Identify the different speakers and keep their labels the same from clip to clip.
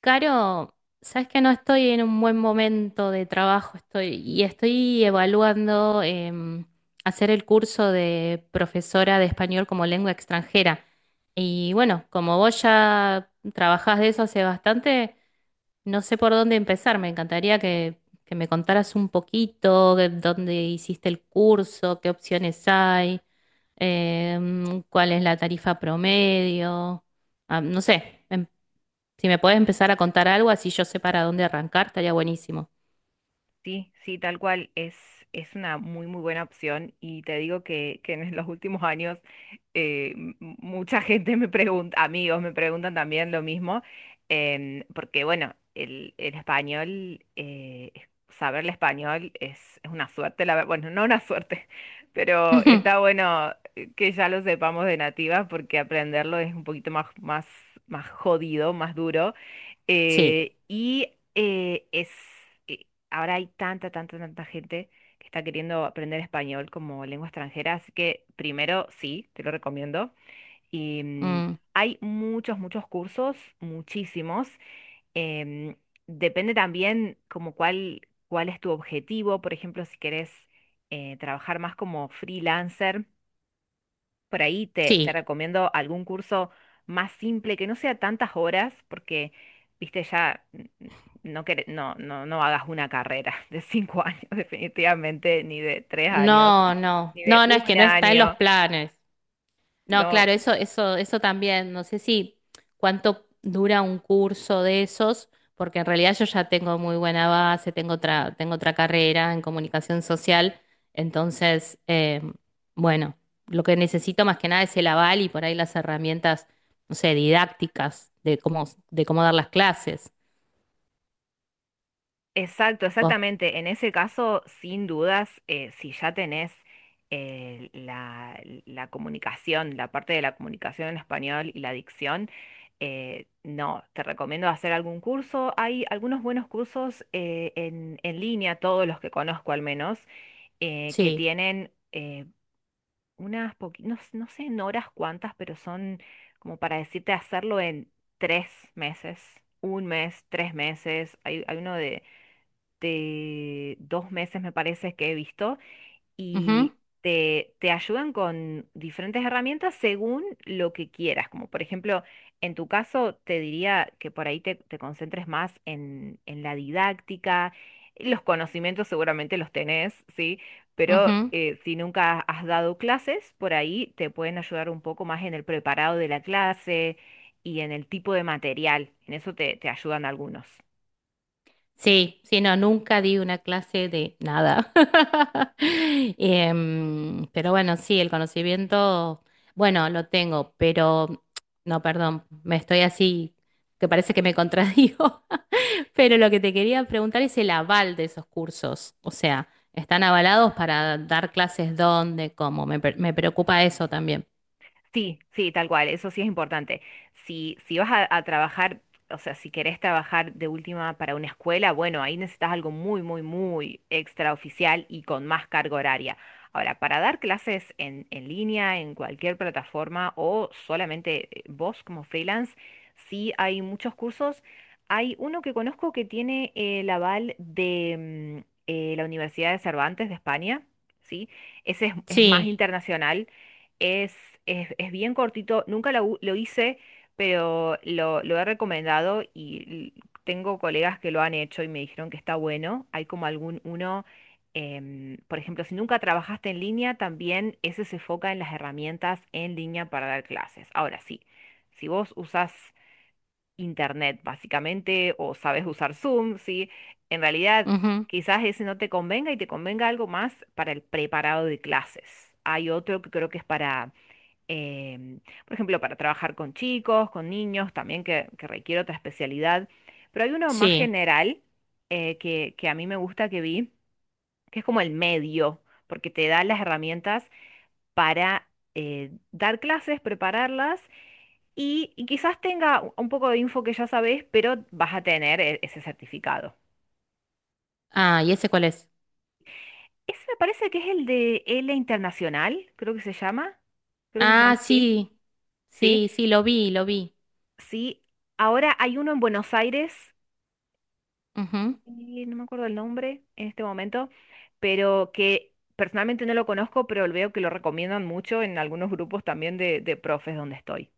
Speaker 1: Caro, sabes que no estoy en un buen momento de trabajo, estoy evaluando hacer el curso de profesora de español como lengua extranjera. Y bueno, como vos ya trabajás de eso hace bastante, no sé por dónde empezar. Me encantaría que me contaras un poquito de dónde hiciste el curso, qué opciones hay, cuál es la tarifa promedio. Ah, no sé, si me puedes empezar a contar algo, así yo sé para dónde arrancar, estaría buenísimo.
Speaker 2: Sí, sí, tal cual. Es una muy, muy buena opción. Y te digo que en los últimos años mucha gente me pregunta, amigos me preguntan también lo mismo, porque bueno, el español, saber el español es una suerte, bueno, no una suerte, pero
Speaker 1: Ujú.
Speaker 2: está bueno que ya lo sepamos de nativa porque aprenderlo es un poquito más jodido, más duro.
Speaker 1: Sí,
Speaker 2: Eh, y eh, es, Ahora hay tanta, tanta, tanta gente que está queriendo aprender español como lengua extranjera, así que primero sí, te lo recomiendo. Y mm,
Speaker 1: mm,
Speaker 2: Hay muchos, muchos cursos, muchísimos. Em, Depende también como cuál es tu objetivo. Por ejemplo, si querés trabajar más como freelancer, por ahí te
Speaker 1: sí.
Speaker 2: recomiendo algún curso más simple, que no sea tantas horas, porque, viste, no hagas una carrera de 5 años, definitivamente, ni de 3 años,
Speaker 1: No, no,
Speaker 2: ni de
Speaker 1: no, no, es
Speaker 2: un
Speaker 1: que no está en los
Speaker 2: año.
Speaker 1: planes. No,
Speaker 2: No.
Speaker 1: claro, eso también. No sé si cuánto dura un curso de esos, porque en realidad yo ya tengo muy buena base, tengo otra carrera en comunicación social. Entonces, bueno, lo que necesito más que nada es el aval y por ahí las herramientas, no sé, didácticas de de cómo dar las clases.
Speaker 2: Exacto,
Speaker 1: Vos-
Speaker 2: exactamente. En ese caso, sin dudas, si ya tenés la comunicación, la parte de la comunicación en español y la dicción, no, te recomiendo hacer algún curso. Hay algunos buenos cursos en línea, todos los que conozco al menos, que
Speaker 1: Sí.
Speaker 2: tienen unas poquitas, no, no sé en horas cuántas, pero son como para decirte hacerlo en 3 meses, un mes, 3 meses. Hay, hay uno de 2 meses, me parece que he visto, y
Speaker 1: Ujú,
Speaker 2: te ayudan con diferentes herramientas según lo que quieras. Como por ejemplo, en tu caso, te diría que por ahí te concentres más en la didáctica. Los conocimientos seguramente los tenés, ¿sí? Pero
Speaker 1: ujú.
Speaker 2: si nunca has dado clases, por ahí te pueden ayudar un poco más en el preparado de la clase y en el tipo de material. En eso te ayudan algunos.
Speaker 1: Sí, sí, no, nunca di una clase de nada. Pero bueno, sí, el conocimiento, bueno, lo tengo, pero no, perdón, me estoy así, que parece que me contradigo, pero lo que te quería preguntar es el aval de esos cursos, o sea, ¿están avalados para dar clases dónde, cómo? Me, pre- me preocupa eso también.
Speaker 2: Sí, sí, tal cual, eso sí es importante. Si vas a trabajar, o sea, si querés trabajar de última para una escuela, bueno, ahí necesitas algo muy, muy, muy extraoficial y con más carga horaria. Ahora, para dar clases en línea, en cualquier plataforma o solamente vos como freelance, sí hay muchos cursos. Hay uno que conozco que tiene el aval de la Universidad de Cervantes de España, ¿sí? Ese es más
Speaker 1: Sí,
Speaker 2: internacional. Es, es, es bien cortito, nunca lo hice, pero lo he recomendado y tengo colegas que lo han hecho y me dijeron que está bueno. Hay como algún uno, por ejemplo, si nunca trabajaste en línea, también ese se enfoca en las herramientas en línea para dar clases. Ahora sí, si vos usás internet básicamente o sabes usar Zoom, sí, en realidad
Speaker 1: ujú,
Speaker 2: quizás ese no te convenga y te convenga algo más para el preparado de clases. Hay otro que creo que es para em, por ejemplo, para trabajar con chicos, con niños, también que requiere otra especialidad. Pero hay uno más
Speaker 1: sí.
Speaker 2: general que a mí me gusta que vi, que es como el medio, porque te da las herramientas para dar clases, prepararlas y quizás tenga un poco de info que ya sabés, pero vas a tener ese certificado.
Speaker 1: Ah, ¿y ese cuál es?
Speaker 2: Ese me parece que es el de L Internacional, creo que se llama. Creo que se llama
Speaker 1: Ah,
Speaker 2: así.
Speaker 1: sí,
Speaker 2: Sí,
Speaker 1: sí, sí, lo vi, lo vi.
Speaker 2: sí. Ahora hay uno en Buenos Aires y no me acuerdo el nombre en este momento, pero que personalmente no lo conozco, pero veo que lo recomiendan mucho en algunos grupos también de profes donde estoy.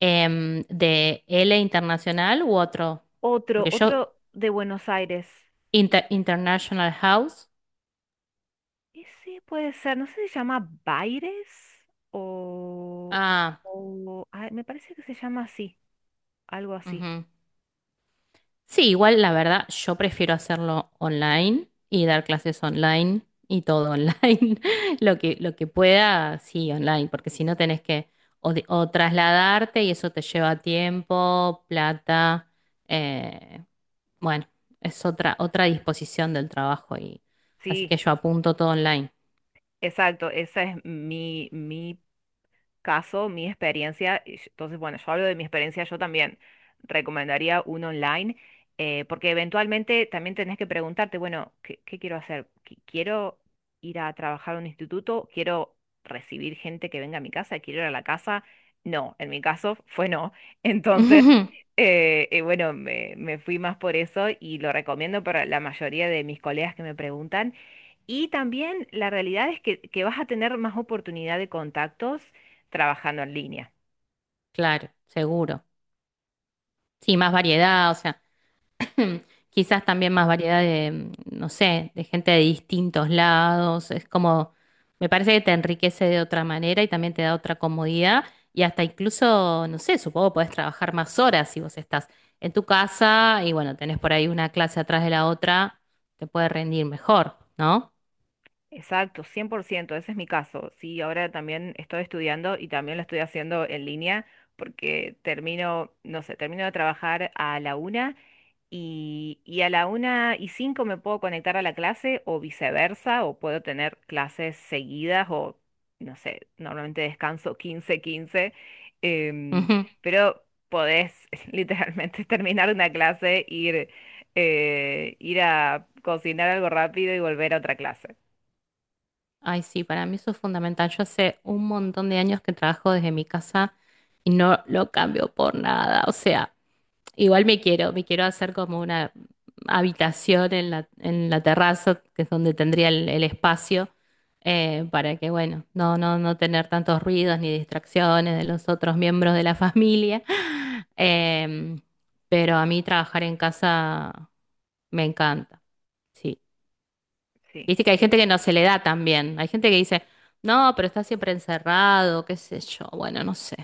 Speaker 1: De L Internacional u otro.
Speaker 2: Otro,
Speaker 1: Porque yo,
Speaker 2: otro de Buenos Aires.
Speaker 1: Inter- International House.
Speaker 2: Ese puede ser, no sé si se llama Baires o,
Speaker 1: Ah,
Speaker 2: o, me parece que se llama así, algo así.
Speaker 1: ujú. Sí, igual la verdad, yo prefiero hacerlo online y dar clases online y todo online. Lo que pueda, sí, online, porque si no tenés que o trasladarte y eso te lleva tiempo, plata. eh, bueno, es otra disposición del trabajo y así que
Speaker 2: Sí,
Speaker 1: yo apunto todo online.
Speaker 2: exacto, esa es mi caso, mi experiencia, y entonces, bueno, yo hablo de mi experiencia. Yo también recomendaría un online, porque eventualmente también tenés que preguntarte, bueno, ¿qué quiero hacer? ¿Quiero ir a trabajar a un instituto? ¿Quiero recibir gente que venga a mi casa? ¿Quiero ir a la casa? No, en mi caso fue no. Entonces, bueno, me fui más por eso y lo recomiendo para la mayoría de mis colegas que me preguntan. Y también la realidad es que vas a tener más oportunidad de contactos trabajando en línea.
Speaker 1: Claro, seguro. Sí, más variedad, o sea, quizás también más variedad de no sé, de gente de distintos lados. Es como, me parece que te enriquece de otra manera y también te da otra comodidad y hasta incluso, no sé, supongo podés trabajar más horas si vos estás en tu casa y bueno, tenés por ahí una clase atrás de la otra, te puede rendir mejor, ¿no?
Speaker 2: Exacto, 100% ese es mi caso. Sí, ahora también estoy estudiando y también lo estoy haciendo en línea porque termino, no sé, termino de trabajar a la una y a la una y cinco me puedo conectar a la clase, o viceversa, o puedo tener clases seguidas o, no sé, normalmente descanso quince. em,
Speaker 1: Ujú.
Speaker 2: pero podés literalmente terminar una clase, ir, ir a cocinar algo rápido y volver a otra clase.
Speaker 1: Ay, sí, para mí eso es fundamental. Yo hace un montón de años que trabajo desde mi casa y no lo cambio por nada. O sea, igual me quiero hacer como una habitación en en la terraza, que es donde tendría el espacio, para que, bueno, no tener tantos ruidos ni distracciones de los otros miembros de la familia. Em, pero a mí trabajar en casa me encanta, sí.
Speaker 2: Sí,
Speaker 1: Viste que hay
Speaker 2: sí,
Speaker 1: gente que no se le da también. Hay gente que dice, no, pero está siempre encerrado, qué sé yo, bueno, no sé.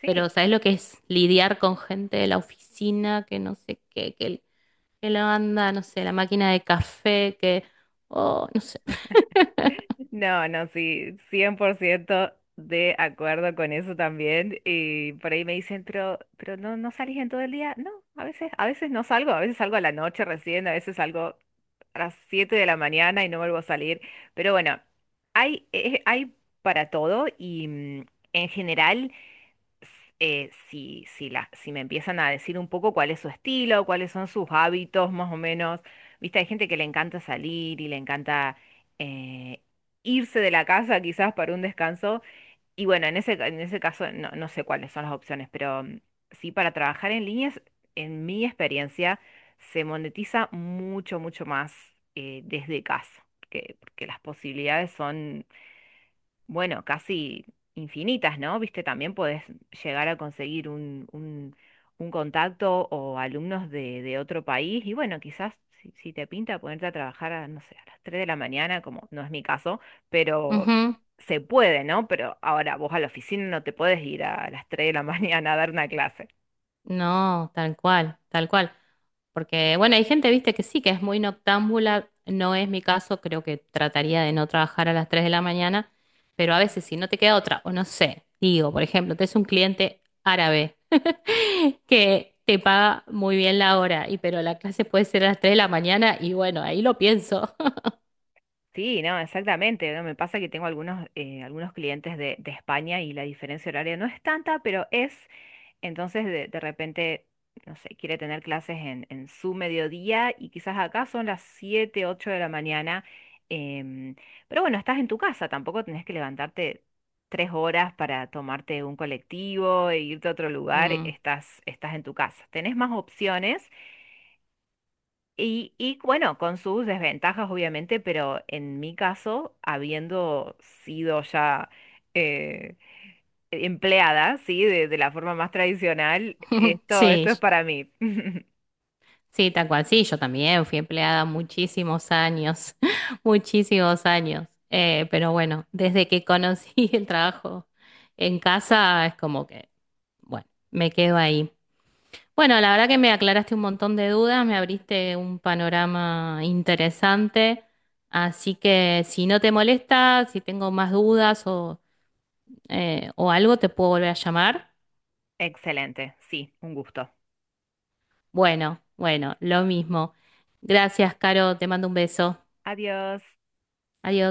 Speaker 2: sí.
Speaker 1: Pero ¿sabes lo que es lidiar con gente de la oficina que no sé qué, que la banda, no sé, la máquina de café, que, oh, no sé.
Speaker 2: No, no, sí, 100% de acuerdo con eso también. Y por ahí me dicen, pero no, no salís en todo el día. No, a veces no salgo, a veces salgo a la noche recién, a veces salgo a las 7 de la mañana y no vuelvo a salir. Pero bueno, hay, hay para todo y en general si me empiezan a decir un poco cuál es su estilo, cuáles son sus hábitos, más o menos. Viste, hay gente que le encanta salir y le encanta eh, irse de la casa quizás para un descanso. Y bueno, en ese caso no, no sé cuáles son las opciones, pero sí, para trabajar en líneas, en mi experiencia, se monetiza mucho, mucho más desde casa, porque las posibilidades son bueno, casi infinitas, ¿no? Viste, también podés llegar a conseguir un contacto o alumnos de otro país y bueno, quizás si te pinta ponerte a trabajar a, no sé, a las 3 de la mañana, como no es mi caso, pero
Speaker 1: Ujú.
Speaker 2: se puede, ¿no? Pero ahora vos a la oficina no te puedes ir a las 3 de la mañana a dar una clase.
Speaker 1: No, tal cual, tal cual. Porque, bueno, hay gente, viste, que sí, que es muy noctámbula. No es mi caso, creo que trataría de no trabajar a las 3 de la mañana, pero a veces si no te queda otra, o no sé, digo, por ejemplo, tenés un cliente árabe que te paga muy bien la hora, y pero la clase puede ser a las 3 de la mañana, y bueno, ahí lo pienso.
Speaker 2: Sí, no, exactamente, ¿no? Me pasa que tengo algunos, algunos clientes de España y la diferencia horaria no es tanta, pero es... Entonces, de repente, no sé, quiere tener clases en su mediodía y quizás acá son las 7, 8 de la mañana. em, pero bueno, estás en tu casa, tampoco tenés que levantarte 3 horas para tomarte un colectivo e irte a otro lugar,
Speaker 1: Mm.
Speaker 2: estás en tu casa. Tenés más opciones y bueno, con sus desventajas obviamente, pero en mi caso, habiendo sido ya... eh, empleada, ¿sí? De la forma más tradicional. Esto,
Speaker 1: Sí,
Speaker 2: esto es para mí.
Speaker 1: sí, tal cual. Sí, yo también fui empleada muchísimos años, muchísimos años. Pero bueno, desde que conocí el trabajo en casa es como que, bueno, me quedo ahí. Bueno, la verdad que me aclaraste un montón de dudas, me abriste un panorama interesante. Así que si no te molesta, si tengo más dudas o algo, te puedo volver a llamar.
Speaker 2: Excelente, sí, un gusto.
Speaker 1: Bueno, bueno, lo mismo. Gracias, Caro, te mando un beso.
Speaker 2: Adiós.
Speaker 1: Adiós.